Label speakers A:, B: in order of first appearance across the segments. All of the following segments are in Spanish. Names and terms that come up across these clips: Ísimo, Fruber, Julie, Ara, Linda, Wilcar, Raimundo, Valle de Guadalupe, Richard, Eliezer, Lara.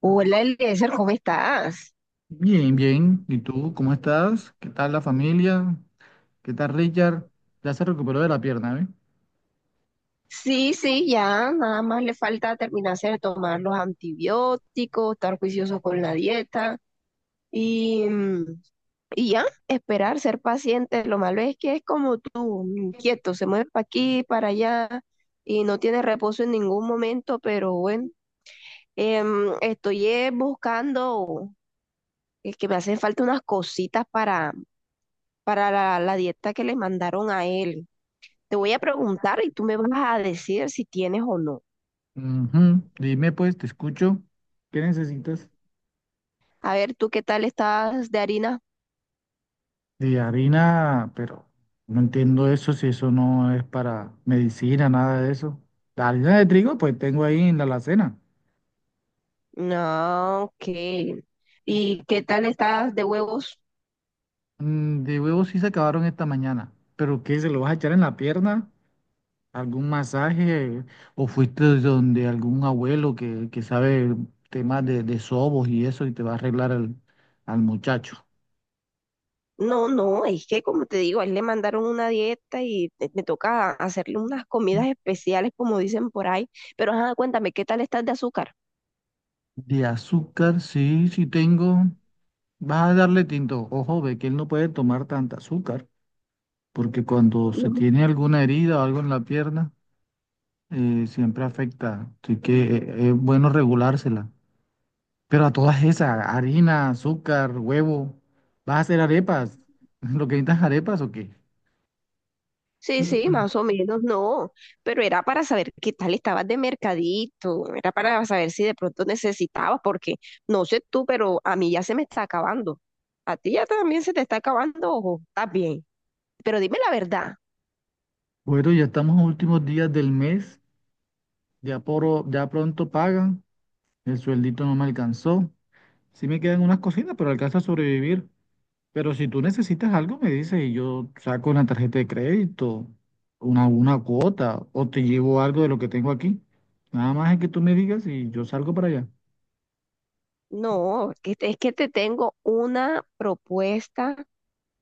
A: Hola, Eliezer, ¿cómo estás?
B: Bien, bien. ¿Y tú cómo estás? ¿Qué tal la familia? ¿Qué tal Richard? Ya se recuperó de la pierna, ¿eh?
A: Sí, sí, ya, nada más le falta terminarse de tomar los antibióticos, estar juicioso con la dieta y, y ya, esperar, ser paciente. Lo malo es que es como tú, inquieto, se mueve para aquí, para allá y no tiene reposo en ningún momento, pero bueno, estoy buscando, es que me hacen falta unas cositas para la dieta que le mandaron a él. Te voy a preguntar y tú me vas a decir si tienes o no.
B: Ujú. Dime pues, te escucho. ¿Qué necesitas?
A: A ver, ¿tú qué tal estás de harina?
B: De harina, pero no entiendo eso, si eso no es para medicina, nada de eso. La harina de trigo, pues tengo ahí en la alacena.
A: No, ok. ¿Y qué tal estás de huevos?
B: Mm, de huevos sí se acabaron esta mañana. ¿Pero qué? ¿Se lo vas a echar en la pierna? Algún masaje o fuiste donde algún abuelo que sabe temas de sobos y eso y te va a arreglar al muchacho.
A: No, no, es que como te digo, a él le mandaron una dieta y me toca hacerle unas comidas especiales, como dicen por ahí. Pero ajá, cuéntame, ¿qué tal estás de azúcar?
B: De azúcar, sí, sí tengo. Vas a darle tinto. Ojo, ve que él no puede tomar tanta azúcar, porque cuando se tiene alguna herida o algo en la pierna, siempre afecta. Así que es bueno regulársela. Pero a todas esas, harina, azúcar, huevo, ¿vas a hacer arepas? ¿Lo que necesitas arepas o qué?
A: Sí, sí, más o menos, no, pero era para saber qué tal estabas de mercadito, era para saber si de pronto necesitabas, porque no sé tú, pero a mí ya se me está acabando. A ti ya también se te está acabando, ojo, estás bien. Pero dime la verdad,
B: Bueno, ya estamos a últimos días del mes, ya, ya pronto pagan, el sueldito no me alcanzó. Sí me quedan unas cositas, pero alcanza a sobrevivir. Pero si tú necesitas algo, me dices y yo saco una tarjeta de crédito, una cuota, o te llevo algo de lo que tengo aquí. Nada más es que tú me digas y yo salgo para allá.
A: no, es que te tengo una propuesta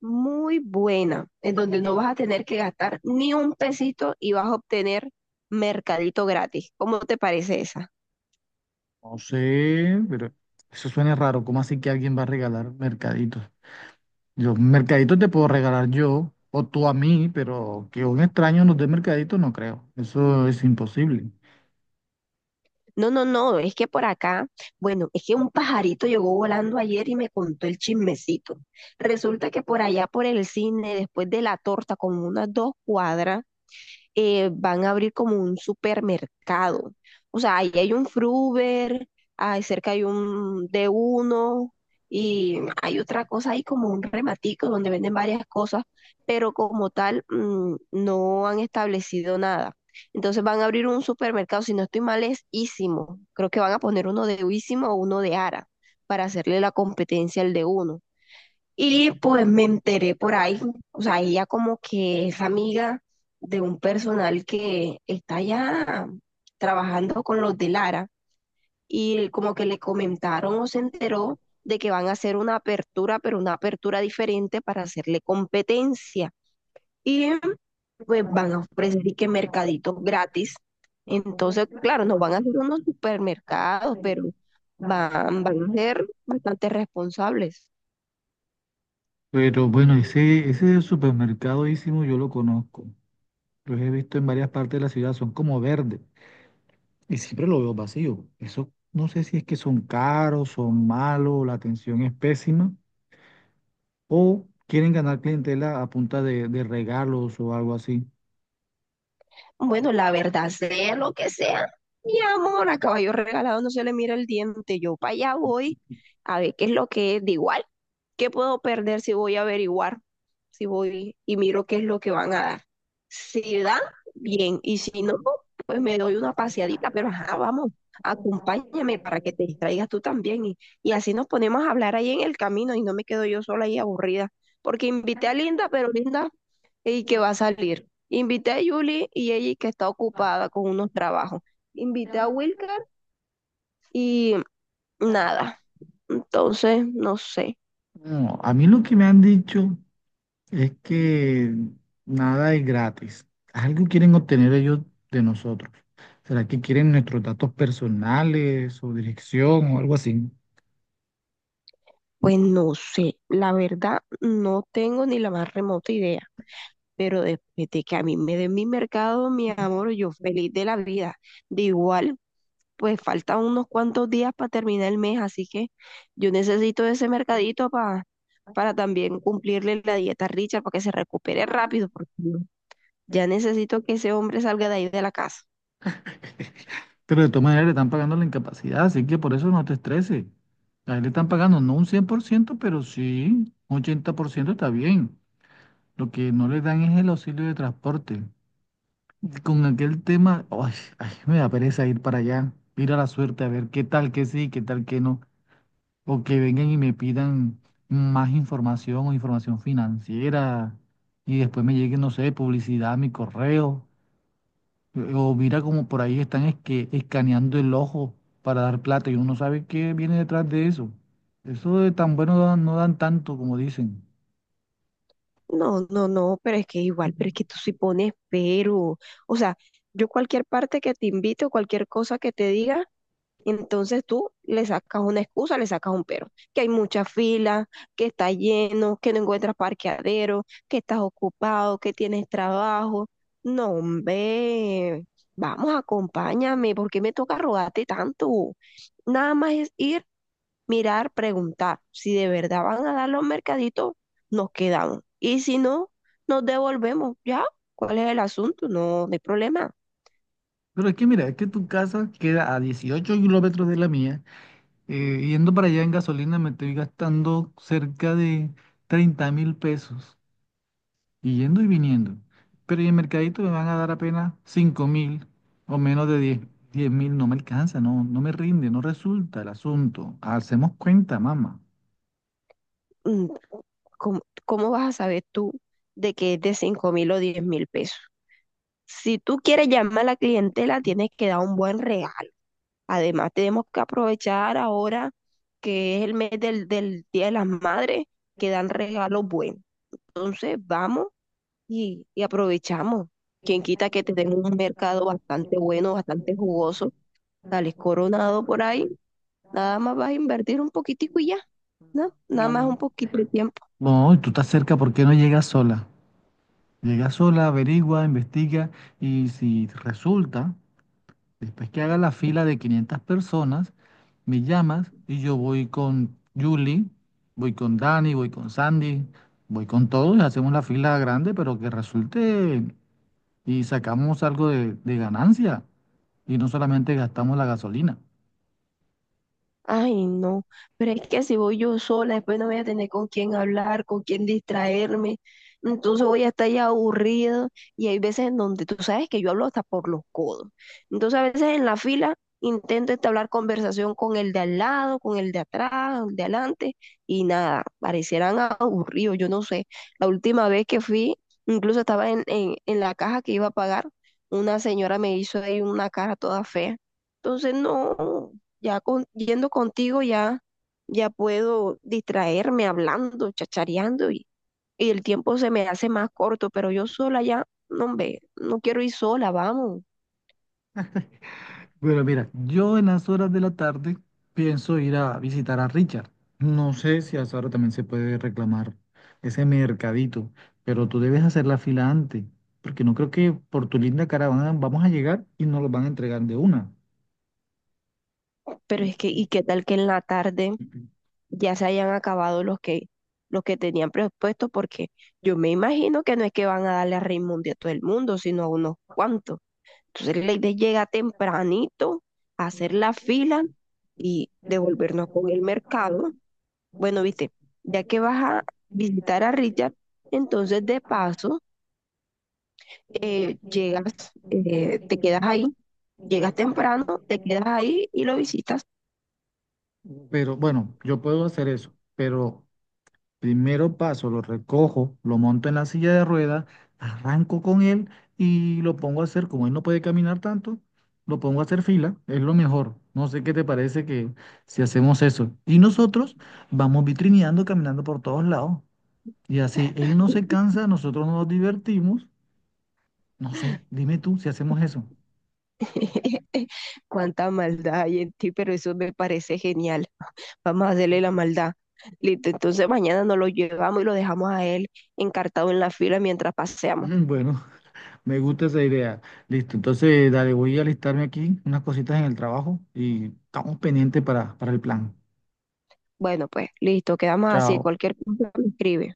A: muy buena, en donde no vas a tener que gastar ni un pesito y vas a obtener mercadito gratis. ¿Cómo te parece esa?
B: No sé, pero eso suena raro. ¿Cómo así que alguien va a regalar mercaditos? Yo, mercadito te puedo regalar yo o tú a mí, pero que un extraño nos dé mercadito no creo. Eso es imposible.
A: No, no, no, es que por acá, bueno, es que un pajarito llegó volando ayer y me contó el chismecito. Resulta que por allá, por el cine, después de la torta, como unas dos cuadras, van a abrir como un supermercado. O sea, ahí hay un Fruber, ahí cerca hay un d uno y hay otra cosa ahí como un rematico donde venden varias cosas, pero como tal no han establecido nada. Entonces van a abrir un supermercado, si no estoy mal es Ísimo. Creo que van a poner uno de Ísimo o uno de Ara para hacerle la competencia al de uno. Y pues me enteré por ahí, o sea, ella como que es amiga de un personal que está ya trabajando con los de Lara y como que le comentaron o se enteró de que van a hacer una apertura, pero una apertura diferente para hacerle competencia. Y pues van a ofrecer y que mercaditos gratis. Entonces, claro, no van a ser unos supermercados, pero van a ser bastante responsables.
B: Pero bueno, ese supermercadísimo yo lo conozco. Los he visto en varias partes de la ciudad, son como verdes y siempre lo veo vacío. Eso no sé si es que son caros, son malos, la atención es pésima o quieren ganar clientela a punta de regalos o algo así.
A: Bueno, la verdad, sea lo que sea, mi amor, a caballo regalado no se le mira el diente. Yo para allá voy a ver qué es lo que es. De igual, ¿qué puedo perder si voy a averiguar? Si voy y miro qué es lo que van a dar. Si dan, bien. Y si no, pues me doy una paseadita, pero ajá, vamos, acompáñame para que te distraigas tú también. Y así nos ponemos a hablar ahí en el camino y no me quedo yo sola ahí aburrida. Porque invité a Linda, pero Linda y que va a salir. Invité a Julie y ella que está ocupada con unos trabajos. Invité a Wilcar y nada. Entonces, no sé.
B: No, a mí lo que me han dicho es que nada es gratis. Algo quieren obtener ellos de nosotros. ¿Será que quieren nuestros datos personales o dirección o algo así?
A: Pues no sé. La verdad, no tengo ni la más remota idea. Pero después de que a mí me den mi mercado, mi amor, yo feliz de la vida. De igual, pues faltan unos cuantos días para terminar el mes, así que yo necesito ese mercadito para también cumplirle la dieta a Richard para que se recupere rápido, porque ya necesito que ese hombre salga de ahí de la casa.
B: Pero de todas maneras le están pagando la incapacidad, así que por eso no te estreses. A él le están pagando no un 100%, pero sí un 80% está bien. Lo que no le dan es el auxilio de transporte. Con aquel tema, ay, ay, me da pereza ir para allá, ir a la suerte a ver qué tal que sí, qué tal que no. O que vengan y me pidan más información o información financiera y después me llegue, no sé, publicidad a mi correo. O mira como por ahí están es que escaneando el ojo para dar plata y uno no sabe qué viene detrás de eso. Eso de tan bueno no dan tanto como dicen.
A: No, no, no, pero es que igual, pero es que tú sí pones pero. O sea, yo cualquier parte que te invite o cualquier cosa que te diga, entonces tú le sacas una excusa, le sacas un pero. Que hay mucha fila, que está lleno, que no encuentras parqueadero, que estás ocupado, que tienes trabajo. No, hombre, vamos, acompáñame, ¿por qué me toca rogarte tanto? Nada más es ir mirar, preguntar. Si de verdad van a dar los mercaditos, nos quedamos. Y si no, nos devolvemos. ¿Ya? ¿Cuál es el asunto? No, no hay problema.
B: Pero es que mira, es que tu casa queda a 18 kilómetros de la mía. Yendo para allá en gasolina me estoy gastando cerca de 30.000 pesos. Y yendo y viniendo. Pero y en el mercadito me van a dar apenas 5.000 o menos de diez mil, no me alcanza, no, no me rinde, no resulta el asunto. Hacemos cuenta, mamá.
A: Mm, ¿Cómo, cómo vas a saber tú de que es de 5.000 o 10.000 pesos? Si tú quieres llamar a la clientela, tienes que dar un buen regalo. Además, tenemos que aprovechar ahora que es el mes del Día de las Madres, que dan regalos buenos. Entonces, vamos y aprovechamos. Quien quita que tenemos un mercado bastante bueno, bastante jugoso, sales coronado por ahí, nada más vas a invertir un poquitico y ya, ¿no? Nada más un poquito de tiempo.
B: No, y tú estás cerca, ¿por qué no llegas sola? Llega sola, averigua, investiga y si resulta, después que haga la fila de 500 personas, me llamas y yo voy con Julie, voy con Dani, voy con Sandy, voy con todos, hacemos la fila grande, pero que resulte y sacamos algo de ganancia y no solamente gastamos la gasolina.
A: Ay, no, pero es que si voy yo sola, después no voy a tener con quién hablar, con quién distraerme, entonces voy a estar ya aburrido y hay veces en donde tú sabes que yo hablo hasta por los codos. Entonces a veces en la fila intento entablar conversación con el de al lado, con el de atrás, el de adelante y nada, parecieran aburridos, yo no sé. La última vez que fui, incluso estaba en la caja que iba a pagar, una señora me hizo ahí una cara toda fea. Entonces no. Yendo contigo ya, ya puedo distraerme hablando, chachareando y el tiempo se me hace más corto, pero yo sola ya, no, hombre, no quiero ir sola, vamos.
B: Pero mira, yo en las horas de la tarde pienso ir a visitar a Richard. No sé si a esa hora también se puede reclamar ese mercadito, pero tú debes hacer la fila antes, porque no creo que por tu linda caravana vamos a llegar y nos lo van a entregar de una.
A: Pero es que, ¿y qué tal que en la tarde ya se hayan acabado los que tenían presupuesto? Porque yo me imagino que no es que van a darle a Raimundo a todo el mundo, sino a unos cuantos. Entonces la idea llega tempranito, hacer la fila y devolvernos con el mercado. Bueno, viste, ya que vas a visitar a Richard, entonces de paso llegas, te quedas ahí, llegas temprano, te quedas ahí y lo visitas.
B: Pero bueno, yo puedo hacer eso, pero primero paso, lo recojo, lo monto en la silla de ruedas, arranco con él y lo pongo a hacer, como él no puede caminar tanto, lo pongo a hacer fila, es lo mejor. No sé qué te parece que si hacemos eso. Y nosotros vamos vitrineando, caminando por todos lados. Y así él no se cansa, nosotros nos divertimos. No sé, dime tú si hacemos eso.
A: Cuánta maldad hay en ti, pero eso me parece genial. Vamos a hacerle la maldad. Listo, entonces mañana nos lo llevamos y lo dejamos a él encartado en la fila mientras paseamos.
B: Mm, bueno, me gusta esa idea. Listo, entonces dale, voy a alistarme aquí unas cositas en el trabajo y estamos pendientes para el plan.
A: Bueno, pues listo, quedamos así.
B: Chao.
A: Cualquier cosa me escribe.